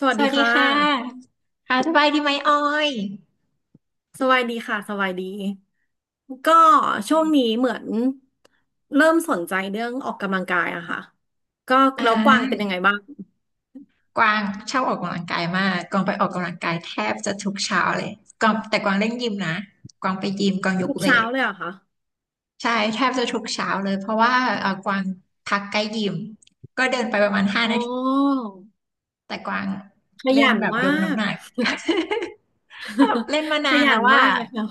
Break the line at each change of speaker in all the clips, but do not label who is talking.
สวั
ส
สดี
วัสดี
ค่
ค่ะ
ะ
ค่ะสบายดีไหมออย
สวัสดีค่ะ สวัสดี ก็ช่วงนี้เหมือนเริ่มสนใจเรื่องออกกำลังกายอะค่ะก็
อ่
แล้วกวางเป็น
า
ยังไงบ้าง
กวางชอบออกกำลังกายมากกวางไปออกกำลังกายแทบจะทุกเช้าเลยกวางแต่กวางเล่นยิมนะ กวางไปยิมกวางยก
ทุก
เว
เช้า
ท
เลยเหรอะคะ
ใช่ แทบจะทุกเช้าเลยเพราะว่ากวางพักใกล้ยิมก็เดินไปประมาณห้า
อ๋
นาที
อ
แต่กวาง
ข
เล่น
ยัน
แบบ
ม
ยก
า
น้ำ
ก
หนัก แบบเล่นมา
ข
นาน
ยั
แล้
น
วว่า
มากเลยค่ะ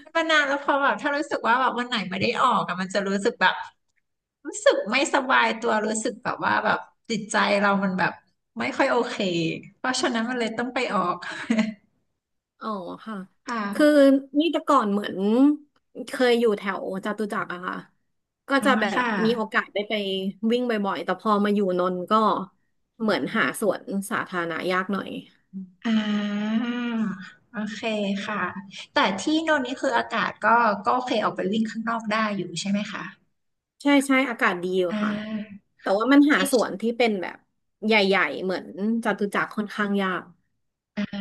เล่นมานานแล้วพอแบบถ้ารู้สึกว่าแบบวันไหนไม่ได้ออกอะมันจะรู้สึกแบบ รู้สึกไม่สบายตัวรู้สึกแบบว่าแบบจิตใจเรามันแบบไม่ค่อยโอเคเพราะฉะนั้นมันเลยต้องไปออก
อ๋อค่ะ
ค่ะ
คือนี่แต่ก่อนเหมือนเคยอยู่แถวจตุจักรอะค่ะก็
อ๋อ
จะแบบ
ค่ะ
มีโอกาสได้ไปวิ่งบ่อยๆแต่พอมาอยู่นนท์ก็เหมือนหาสวนสาธารณะยากหน่อย
อ่าโอเคค่ะแต่ที่โน่นนี่คืออากาศก็ก็โอเคออกไปวิ่งข้างนอกได้อยู่ใช่ไหมคะ
ใช่ใช่อากาศดีอยู่
อ่า
ค่ะแต่
ค่ะ
ว่ามันหา
ที่
สวนที่เป็นแบบใหญ่ๆเหมือนจตุจักรค่อนข้างยาก
อ่า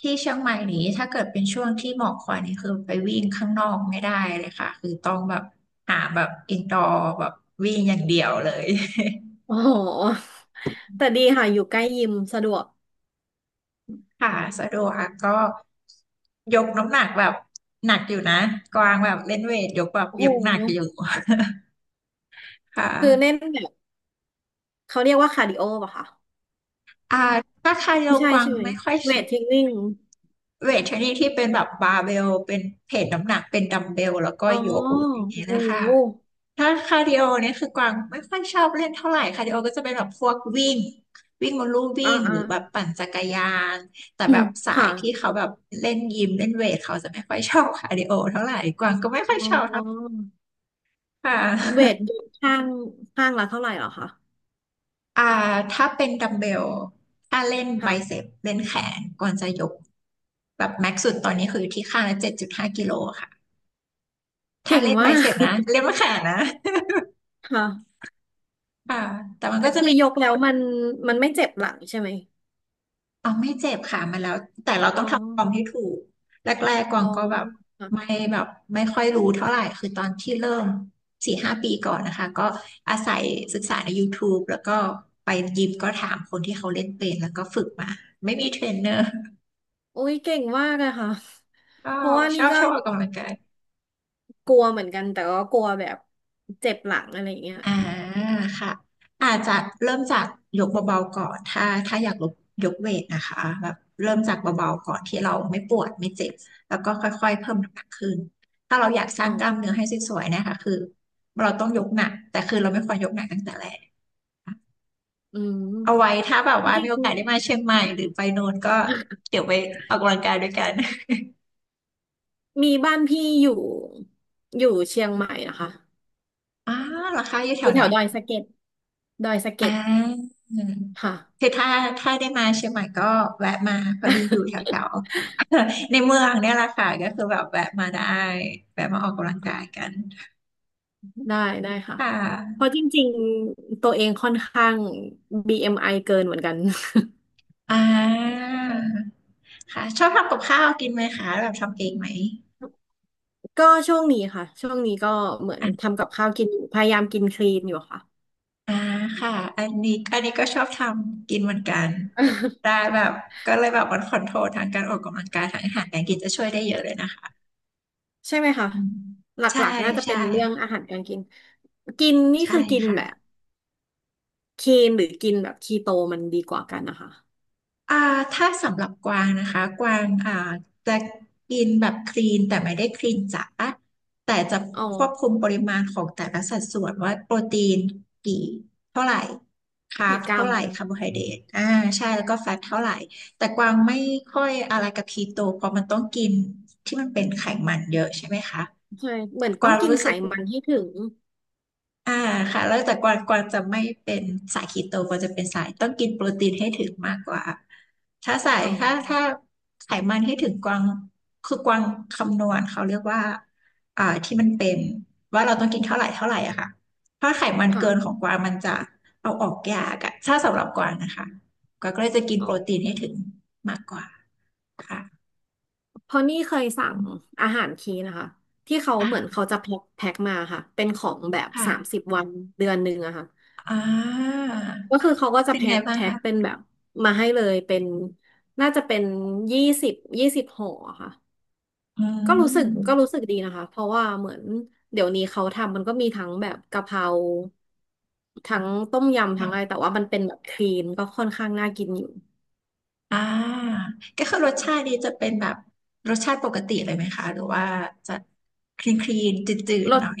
ที่เชียงใหม่นี้ถ้าเกิดเป็นช่วงที่หมอกควันนี่คือไปวิ่งข้างนอกไม่ได้เลยค่ะคือต้องแบบหาแบบอินดอร์แบบวิ่งอย่างเดียวเลย
โอ้โหแต่ดีค่ะอยู่ใกล้ยิมสะดวก
ค่ะสะดวกค่ะก็ยกน้ำหนักแบบหนักอยู่นะกวางแบบเล่นเวทยกแบบ
โอ้โห
ยกหนักอยู่ ค
คือเน้
่ะ
นแบบเขาเรียกว่าคาร์ดิโอป่ะคะ
อ่าถ้าใครโย
ไม่ใช่
กวาง
ใช่ไหม
ไม่ค่อย
เวทเทรนนิ่ง
เวทชนิดที่เป็นแบบบาร์เบลเป็นเพจน้ำหนักเป็นดัมเบลแล้วก็
อ๋อ
ยกอย่างนี้
โอ้
นะคะ
โห
ถ้าคาร์ดิโอเนี่ยคือกวางไม่ค่อยชอบเล่นเท่าไหร่คาร์ดิโอก็จะเป็นแบบพวกวิ่งวิ่งบนลู่วิ่
อ่า
งห
อ่า
รือแบบปั่นจักรยานแต่
อื
แบ
ม
บสาย
ค่ะ
ที่เขาแบบเล่นยิมเล่นเวทเขาจะไม่ค่อยชอบคาร์ดิโอเท่าไหร่กวางก็ไม่ค่อย
อ๋
ชอบเท่าไหร่
อ
ค่ะ
เว ทอยู่ข้างข้างละเท่าไหร่เหรอคะ
อ่าถ้าเป็นดัมเบลถ้าเล่นไบ
ค่ะ
เซปเล่นแขนก่อนจะยกแบบแม็กซ์สุดตอนนี้คือที่ข้างละ7.5 กิโลค่ะถ้า
เก่ง
เล่นไบ
มา
เซ
ก
ปนะเล่นแขนนะ
ค่ะ
ค่ะแต่มัน
แต่
ก็จะ
คือ
มี
ยกแล้วมันมันไม่เจ็บหลังใช่ไหม
เอาไม่เจ็บค่ะมันแล้วแต่เรา
อ๋อ
ต้องทำฟอร์มให้ถูกแรกๆกวา
อ๋
ง
อ
ก็แบบ
ค่ะ
ไม่แบบไม่ค่อยรู้เท่าไหร่คือตอนที่เริ่ม4-5 ปีก่อนนะคะก็อาศัยศึกษาใน YouTube แล้วก็ไปยิมก็ถามคนที่เขาเล่นเป็นแล้วก็ฝึกมาไม่มีเทรนเนอร์
อุ๊ยเก่งมากเลยค่ะ
ก็
เพราะว่า
ช
นี่
อบ
ก็
ชอบออกกำลังกาย
กลัวเหมือนกันแต่ก็กลัวแบบเจ็บหลังอะไรอย่างเงี้ย
อ่าค่ะอาจจะเริ่มจากยกเบาๆก่อนถ้าอยากลดยกเวทนะคะแบบเริ่มจากเบาๆก่อนที่เราไม่ปวดไม่เจ็บแล้วก็ค่อยๆเพิ่มน้ำหนักขึ้นถ้าเราอยากส
อ๋
ร้าง
อ
กล้ามเนื้อให้สวยๆนะคะคือเราต้องยกหนักแต่คือเราไม่ควรยกหนักตั้งแต่แรก
อืม
เอาไว้ถ้าแบบ
ไม่
ว่า
ได้
มี
ก
โอ
ลัว
กาสได้มาเชียงใหม่หรือไปโน่นก็เดี๋ยวไปออกกำลังกายด้วยกัน
มีบ้านพี่อยู่อยู่เชียงใหม่นะคะ
อ่าเหราคาอยู่
อ
แถว
ยู่
ไห
แถ
น
วดอยสะเก็ดดอยสะ
อ่
เก็ด
า
ค่ะ
คือถ้าถ้าได้มาเชียงใหม่ก็แวะมาพอดีอยู่แถว ๆ ในเมืองเนี่ยแหละค่ะก็คือแบบแวะมาได้แวะมาออกกำลังกายกัน
ได้ได้ค่ะ
ค่
เพ
ะ
ราะจริงๆตัวเองค่อนข้าง BMI เอ็มไอเกินเหมือนกัน
อ่าค่ะชอบทำกับข้าวกินไหมคะแบบทำเองไหม
ก็ช่วงนี้ค่ะช่วงนี้ก็เหมือน
อ่า
ทำกับข้าวกินอยู่พยายามกินคลีนอยู่ค่ะ
อ่าค่ะอันนี้อันนี้ก็ชอบทำกินเหมือนกันได้ แบบก็เลยแบบมันคอนโทรลทางการออกกำลังกายทางอาหารการกินจะช่วยได้เยอะเลยนะคะ
ใช่ไหมคะ
อืม
หล
ใช่
ักๆน่าจะเป็
ใช่
นเรื่องอาหารการกินกินนี่
ใช่
คือกิน
ค่ะ
แบบคีนหรือกินแบบคีโตมันดีกว่ากันนะคะ
อ่าถ้าสำหรับกวางนะคะ กวางอ่าจะกินแบบคลีนแต่ไม่ได้คลีนจ๋าแต่จะ
อ๋อ
ควบคุมปริมาณของแต่ละสัดส่วนว่าโปรตีนกี่เท่าไหร่คาร์บ
กี่กรั
เท่า
ม
ไหร่คาร์โบไฮเดรตอ่าใช่แล้วก็แฟตเท่าไหร่แต่กวางไม่ค่อยอะไรกับคีโตเพราะมันต้องกินที่มันเป็นไขมันเยอะใช่ไหมคะ
ใช่เหมือน
ก
ต้อ
วา
ง
ง
กิน
รู้
ไข
สึก
มันให้ถึง
อ่าค่ะแล้วแต่กวางกวางจะไม่เป็นสายคีโตกวางจะเป็นสายต้องกินโปรตีนให้ถึงมากกว่าถ้าสาย
อ๋อ
ถ้าไขมันให้ถึงกวางคือกวางคำนวณเขาเรียกว่าอ่าที่มันเป็นว่าเราต้องกินเท่าไหร่เท่าไหร่อะค่ะถ้าไขมัน
ค่ะ
เกินของกวางมันจะเอาออกยากอะถ้าสำหรับกวางนะคะกวางก็เลยจะกิน
อ๋อ
โปรตีนให้ถึงมากกว่าค่ะ
เพราะนี่เคยสั่งอาหารคีนนะคะที่เขาเหมือน
ค่ะ
เขาจะแพ็คแพ็คมาค่ะเป็นของแบบ
ค่ะ
30 วันเดือนหนึ่งอะค่ะ
อ่า
ก็คือเขาก็จะ
เป็น
แพ็
ไง
ค
บ้าง
แพ็ค
คะ
เป็นแบบมาให้เลยเป็นน่าจะเป็น20 20 ห่ออะค่ะ
อื
ก็รู้สึกก็รู้
ม
สึกดีนะคะเพราะว่าเหมือนเดี๋ยวนี้เขาทำมันก็มีทั้งแบบกะเพราทั้งต้มยำทั้งอะไรแต่ว่ามันเป็นแบบคลีนก็ค่อนข้างน่ากินอยู่
อ่าก็คือรสชาตินี้จะเป็นแบบรสชาติปกติเลยไหมคะหรือว่าจะคลีนคลีนจืด
ร
ๆหน่
ส
อย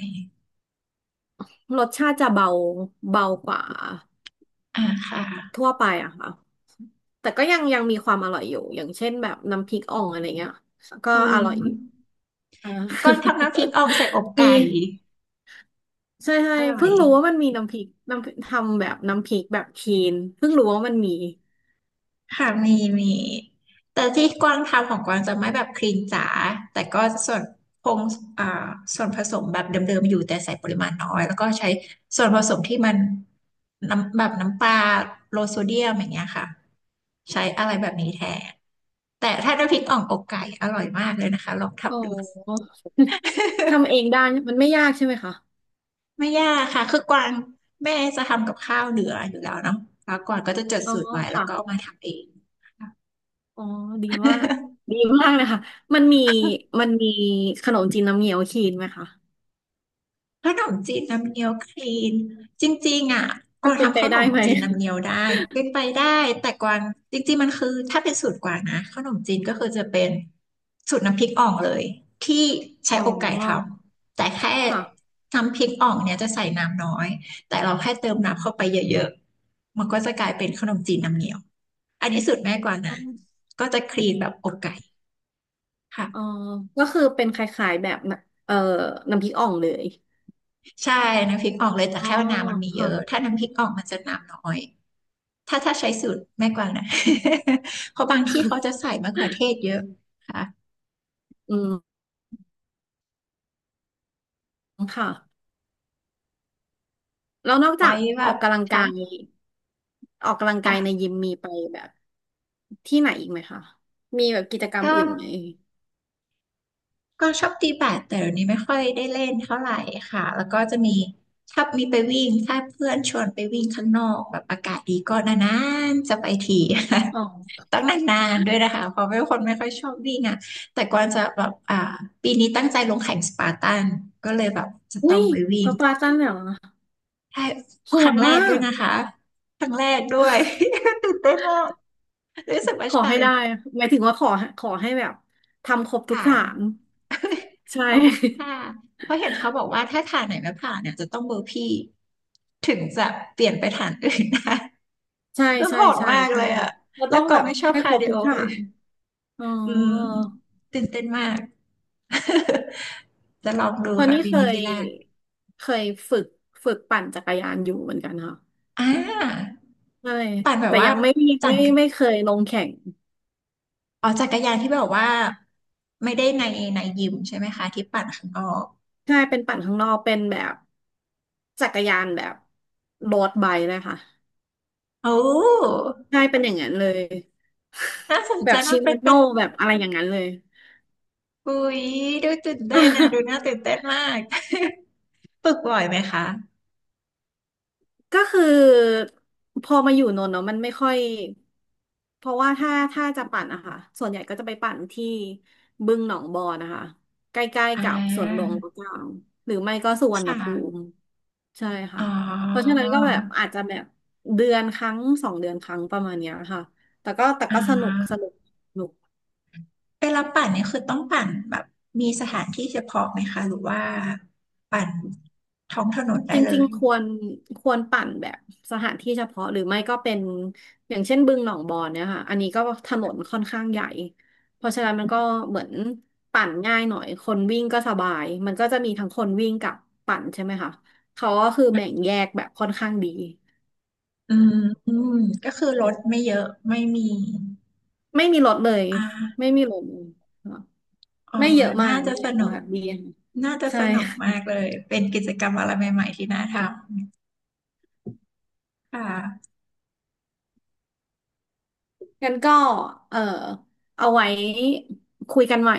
รสชาติจะเบาเบากว่า
อ่าค่ะ
ทั่วไปอะค่ะแต่ก็ยังยังมีความอร่อยอยู่อย่างเช่นแบบน้ำพริกอ่องอะไรเงี้ยก็
อื
อร่อยอยู่
ม
อ่า
ก้อนทำน้ำพริกอ่องใส่อก
มี
ไก่
ใช่ใช่
อร่อ
เพิ่
ย
งรู้ว่ามันมีน้ำพริกน้ำพริกทำแบบน้ำพริกแบบคลีนเพิ่งรู้ว่ามันมี
ค่ะมีมีแต่ที่กวางทำของกวางจะไม่แบบคลีนจ๋าแต่ก็ส่วนคงอ่าส่วนผสมแบบเดิมๆอยู่แต่ใส่ปริมาณน้อยแล้วก็ใช้ส่วนผสมที่มันน้ำแบบน้ำปลาโลโซเดียมอย่างเงี้ยค่ะใช้อะไรแบบนี้แทนแต่ถ้าน้ำพริกอ่องอกไก่อร่อยมากเลยนะคะลอง
อ๋
ทำดู
อ ทำเอ งได้มันไม่ยากใช่ไหมคะ
ไม่ยากค่ะคือกวางแม่จะทำกับข้าวเหลืออยู่แล้วเนาะแล้วกวางก็จะจด
อ๋อ
สูตรไว้แล้ว
ค่ะ
ก็เอามาทำเองค่
อ๋อดีมาก
ะ
ดีมากเลยค่ะมันมีมันมีขนมจีนน้ำเงี้ยวคีนไหมคะ
ขนมจีนน้ำเงี้ยวคลีนจริงๆอ่ะก
มั
วา
น
ง
เป็นไป
ทำขน
ได้
ม
ไหม
จีนน้ำเงี้ยวได้เป็นไปได้แต่กวางจริงๆมันคือถ้าเป็นสูตรกวางนะขนมจีนก็คือจะเป็นสูตรน้ำพริกอ่องเลยที่
อ๋
ใช้
อ
อกไก่ทำแต่แค่
ค่ะ
น้ำพริกอ่องเนี่ยจะใส่น้ำน้อยแต่เราแค่เติมน้ำเข้าไปเยอะๆมันก็จะกลายเป็นขนมจีนน้ำเงี้ยวอันนี้สูตรแม่กวาง
อ๋อ
นะก็จะคลีนแบบอกไก่
อ๋อ
ค่ะ
ก็คือเป็นคล้ายๆแบบน่ะเอ่อน้ำพริกอ่องเลย
ใช่น้ำพริกอ่องเลยแต่
อ๋อ
แค่ว่าน้ำมันมีเย
ค่ะ
อะถ้าน้ำพริกอ่องมันจะน้ำน้อย ถ้าใช้สูตรแม่กวางนะ เพราะบางที่เขาจะใส่มะเขือเทศเยอะค่ะ
อืมค่ะแล้วนอกจา
ไว้
ก
แบ
ออ
บ
กกำลังกา
ค่ะ
ยออกกำลังกายใน
ค่ะ
ยิมมีไปแบบที่ไหนอีกไหมคะมีแบบกิจกรรม
ก็
อื่นไหม
ก็ชอบตีแบดแต่เดี๋ยวนี้ไม่ค่อยได้เล่นเท่าไหร่ค่ะแล้วก็จะมีถ้ามีไปวิ่งถ้าเพื่อนชวนไปวิ่งข้างนอกแบบอากาศดีก็นานๆจะไปที
อ๋อ
ต้องนานๆด้วยนะคะเพราะเป็นคนไม่ค่อยชอบวิ่งอ่ะแต่กวางจะแบบปีนี้ตั้งใจลงแข่งสปาร์ตันก็เลยแบบจะ
อุ้
ต้อง
ย
ไปวิ่
พ
ง
ระปลาจ้างแบบ
ใช่
โห
ครั้
ด
งแร
มา
กด้วย
ก
นะคะ ครั้งแรกด้วย ตื่นเต้นมากรู้สึกว่า
ขอ
ชา
ให้
เล
ได้
นจ์
หมายถึงว่าขอขอให้แบบทำครบทุก
ผ่าน
ฐานใช
ขอบคุณค่ะ
่
เพราะเห็นเขาบอกว่าถ้าฐานไหนไม่ผ่านเนี่ยจะต้องเบอร์พี่ถึงจะเปลี่ยนไปฐานอื่นได้
ใช่
แล้ว
ใช่
โหด
ใช่
มาก
ใช่
เลย
ค่ะ
อะ
เรา
แล้
ต้
ว
อง
กอ
แบ
ง
บ
ไม่ชอบ
ให้ค
คา
ร
ร์
บ
ดิ
ทุ
โอ
ก
เล
ฐา
ย
นอ๋อ
อืมตื่นเต้นมาก จะลองดู
เพราะ
ค่ะ
นี่
ปี
เค
นี้
ย
ปีแรก
เคยฝึกฝึกปั่นจักรยานอยู่เหมือนกันค่ะ
อ่า
ใช่
ปั่นแบบ
แต่
ว่า
ยังไม่มี
จั่ง
ไม่ไม่เคยลงแข่ง
อ๋อจักรยานที่แบบว่าไม่ได้ในยิมใช่ไหมคะที่ปั่นข้างนอก
ใช่เป็นปั่นข้างนอกเป็นแบบจักรยานแบบโรดไบค์เลยค่ะ
โอ้
ใช่เป็นอย่างนั้นเลย
น่าสน
แบ
ใจ
บชิ
มาก
เม
เป็น
โน
เป็น
แบบอะไรอย่างนั้นเลย
อุ๊ยดูตื่นเต้นนะดูน่าตื่น เต้นมาก ฝึกบ่อยไหมคะ
ก็คือพอมาอยู่นนท์เนาะมันไม่ค่อยเพราะว่าถ้าถ้าจะปั่นอะค่ะส่วนใหญ่ก็จะไปปั่นที่บึงหนองบอนนะคะใกล้ๆ
อ่
กับสวนหลวง
า
รัชกาลหรือไม่ก็สุวรรณ
ค่
ภูมิ
ะ
ใช่ค่ะ
อ๋
เพราะฉะ
อ
นั้นก็แบบอาจจะแบบเดือนครั้งสองเดือนครั้งประมาณเนี้ยค่ะแต่ก็แต่
อ่
ก็สนุกส
า
นุก
เวลาปั่นเนี่ยคือต้องปั่นแบบมีสถานที่เฉพาะไหมคะหรือว่าปั่นท้องถนนได้
จ
เล
ริง
ย
ๆ ควรควรปั่นแบบสถานที่เฉพาะหรือไม่ก็เป็นอย่างเช่นบึงหนองบอนเนี่ยค่ะอันนี้ก็ถนนค่อนข้างใหญ่เพราะฉะนั้นมันก็เหมือนปั่นง่ายหน่อยคนวิ่งก็สบายมันก็จะมีทั้งคนวิ่งกับปั่นใช่ไหมคะเขาก็คือแบ่งแยกแบบค่อนข้างดี
อืมอืมก็คือรถไม่เยอะไม่มี
ไม่มีรถเลย
อ่า
ไม่มีรถเลยค่ะ
เอ
ไม่เย
อ
อะมา
น่า
ก
จะ
ไม่
ส
เยอะ
นุ
มา
ก
กดีค่ะ
น่าจะ
ใช่
สนุก
ค่ะ
มากเลย เป็นกิจกรรมอะไรใหม่ๆที่น่าทำค่ะ
งั้นก็เออเอาไว้คุยกันใหม่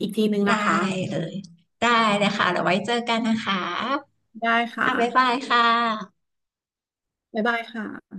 อีกทีนึง
ได้
นะคะ
เลย ได้เลยค่ะเดี๋ยวไว้เจอกันนะคะ
ได้ค่ะ
อ่ะบ๊ายบายค่ะ
บ๊ายบายค่ะ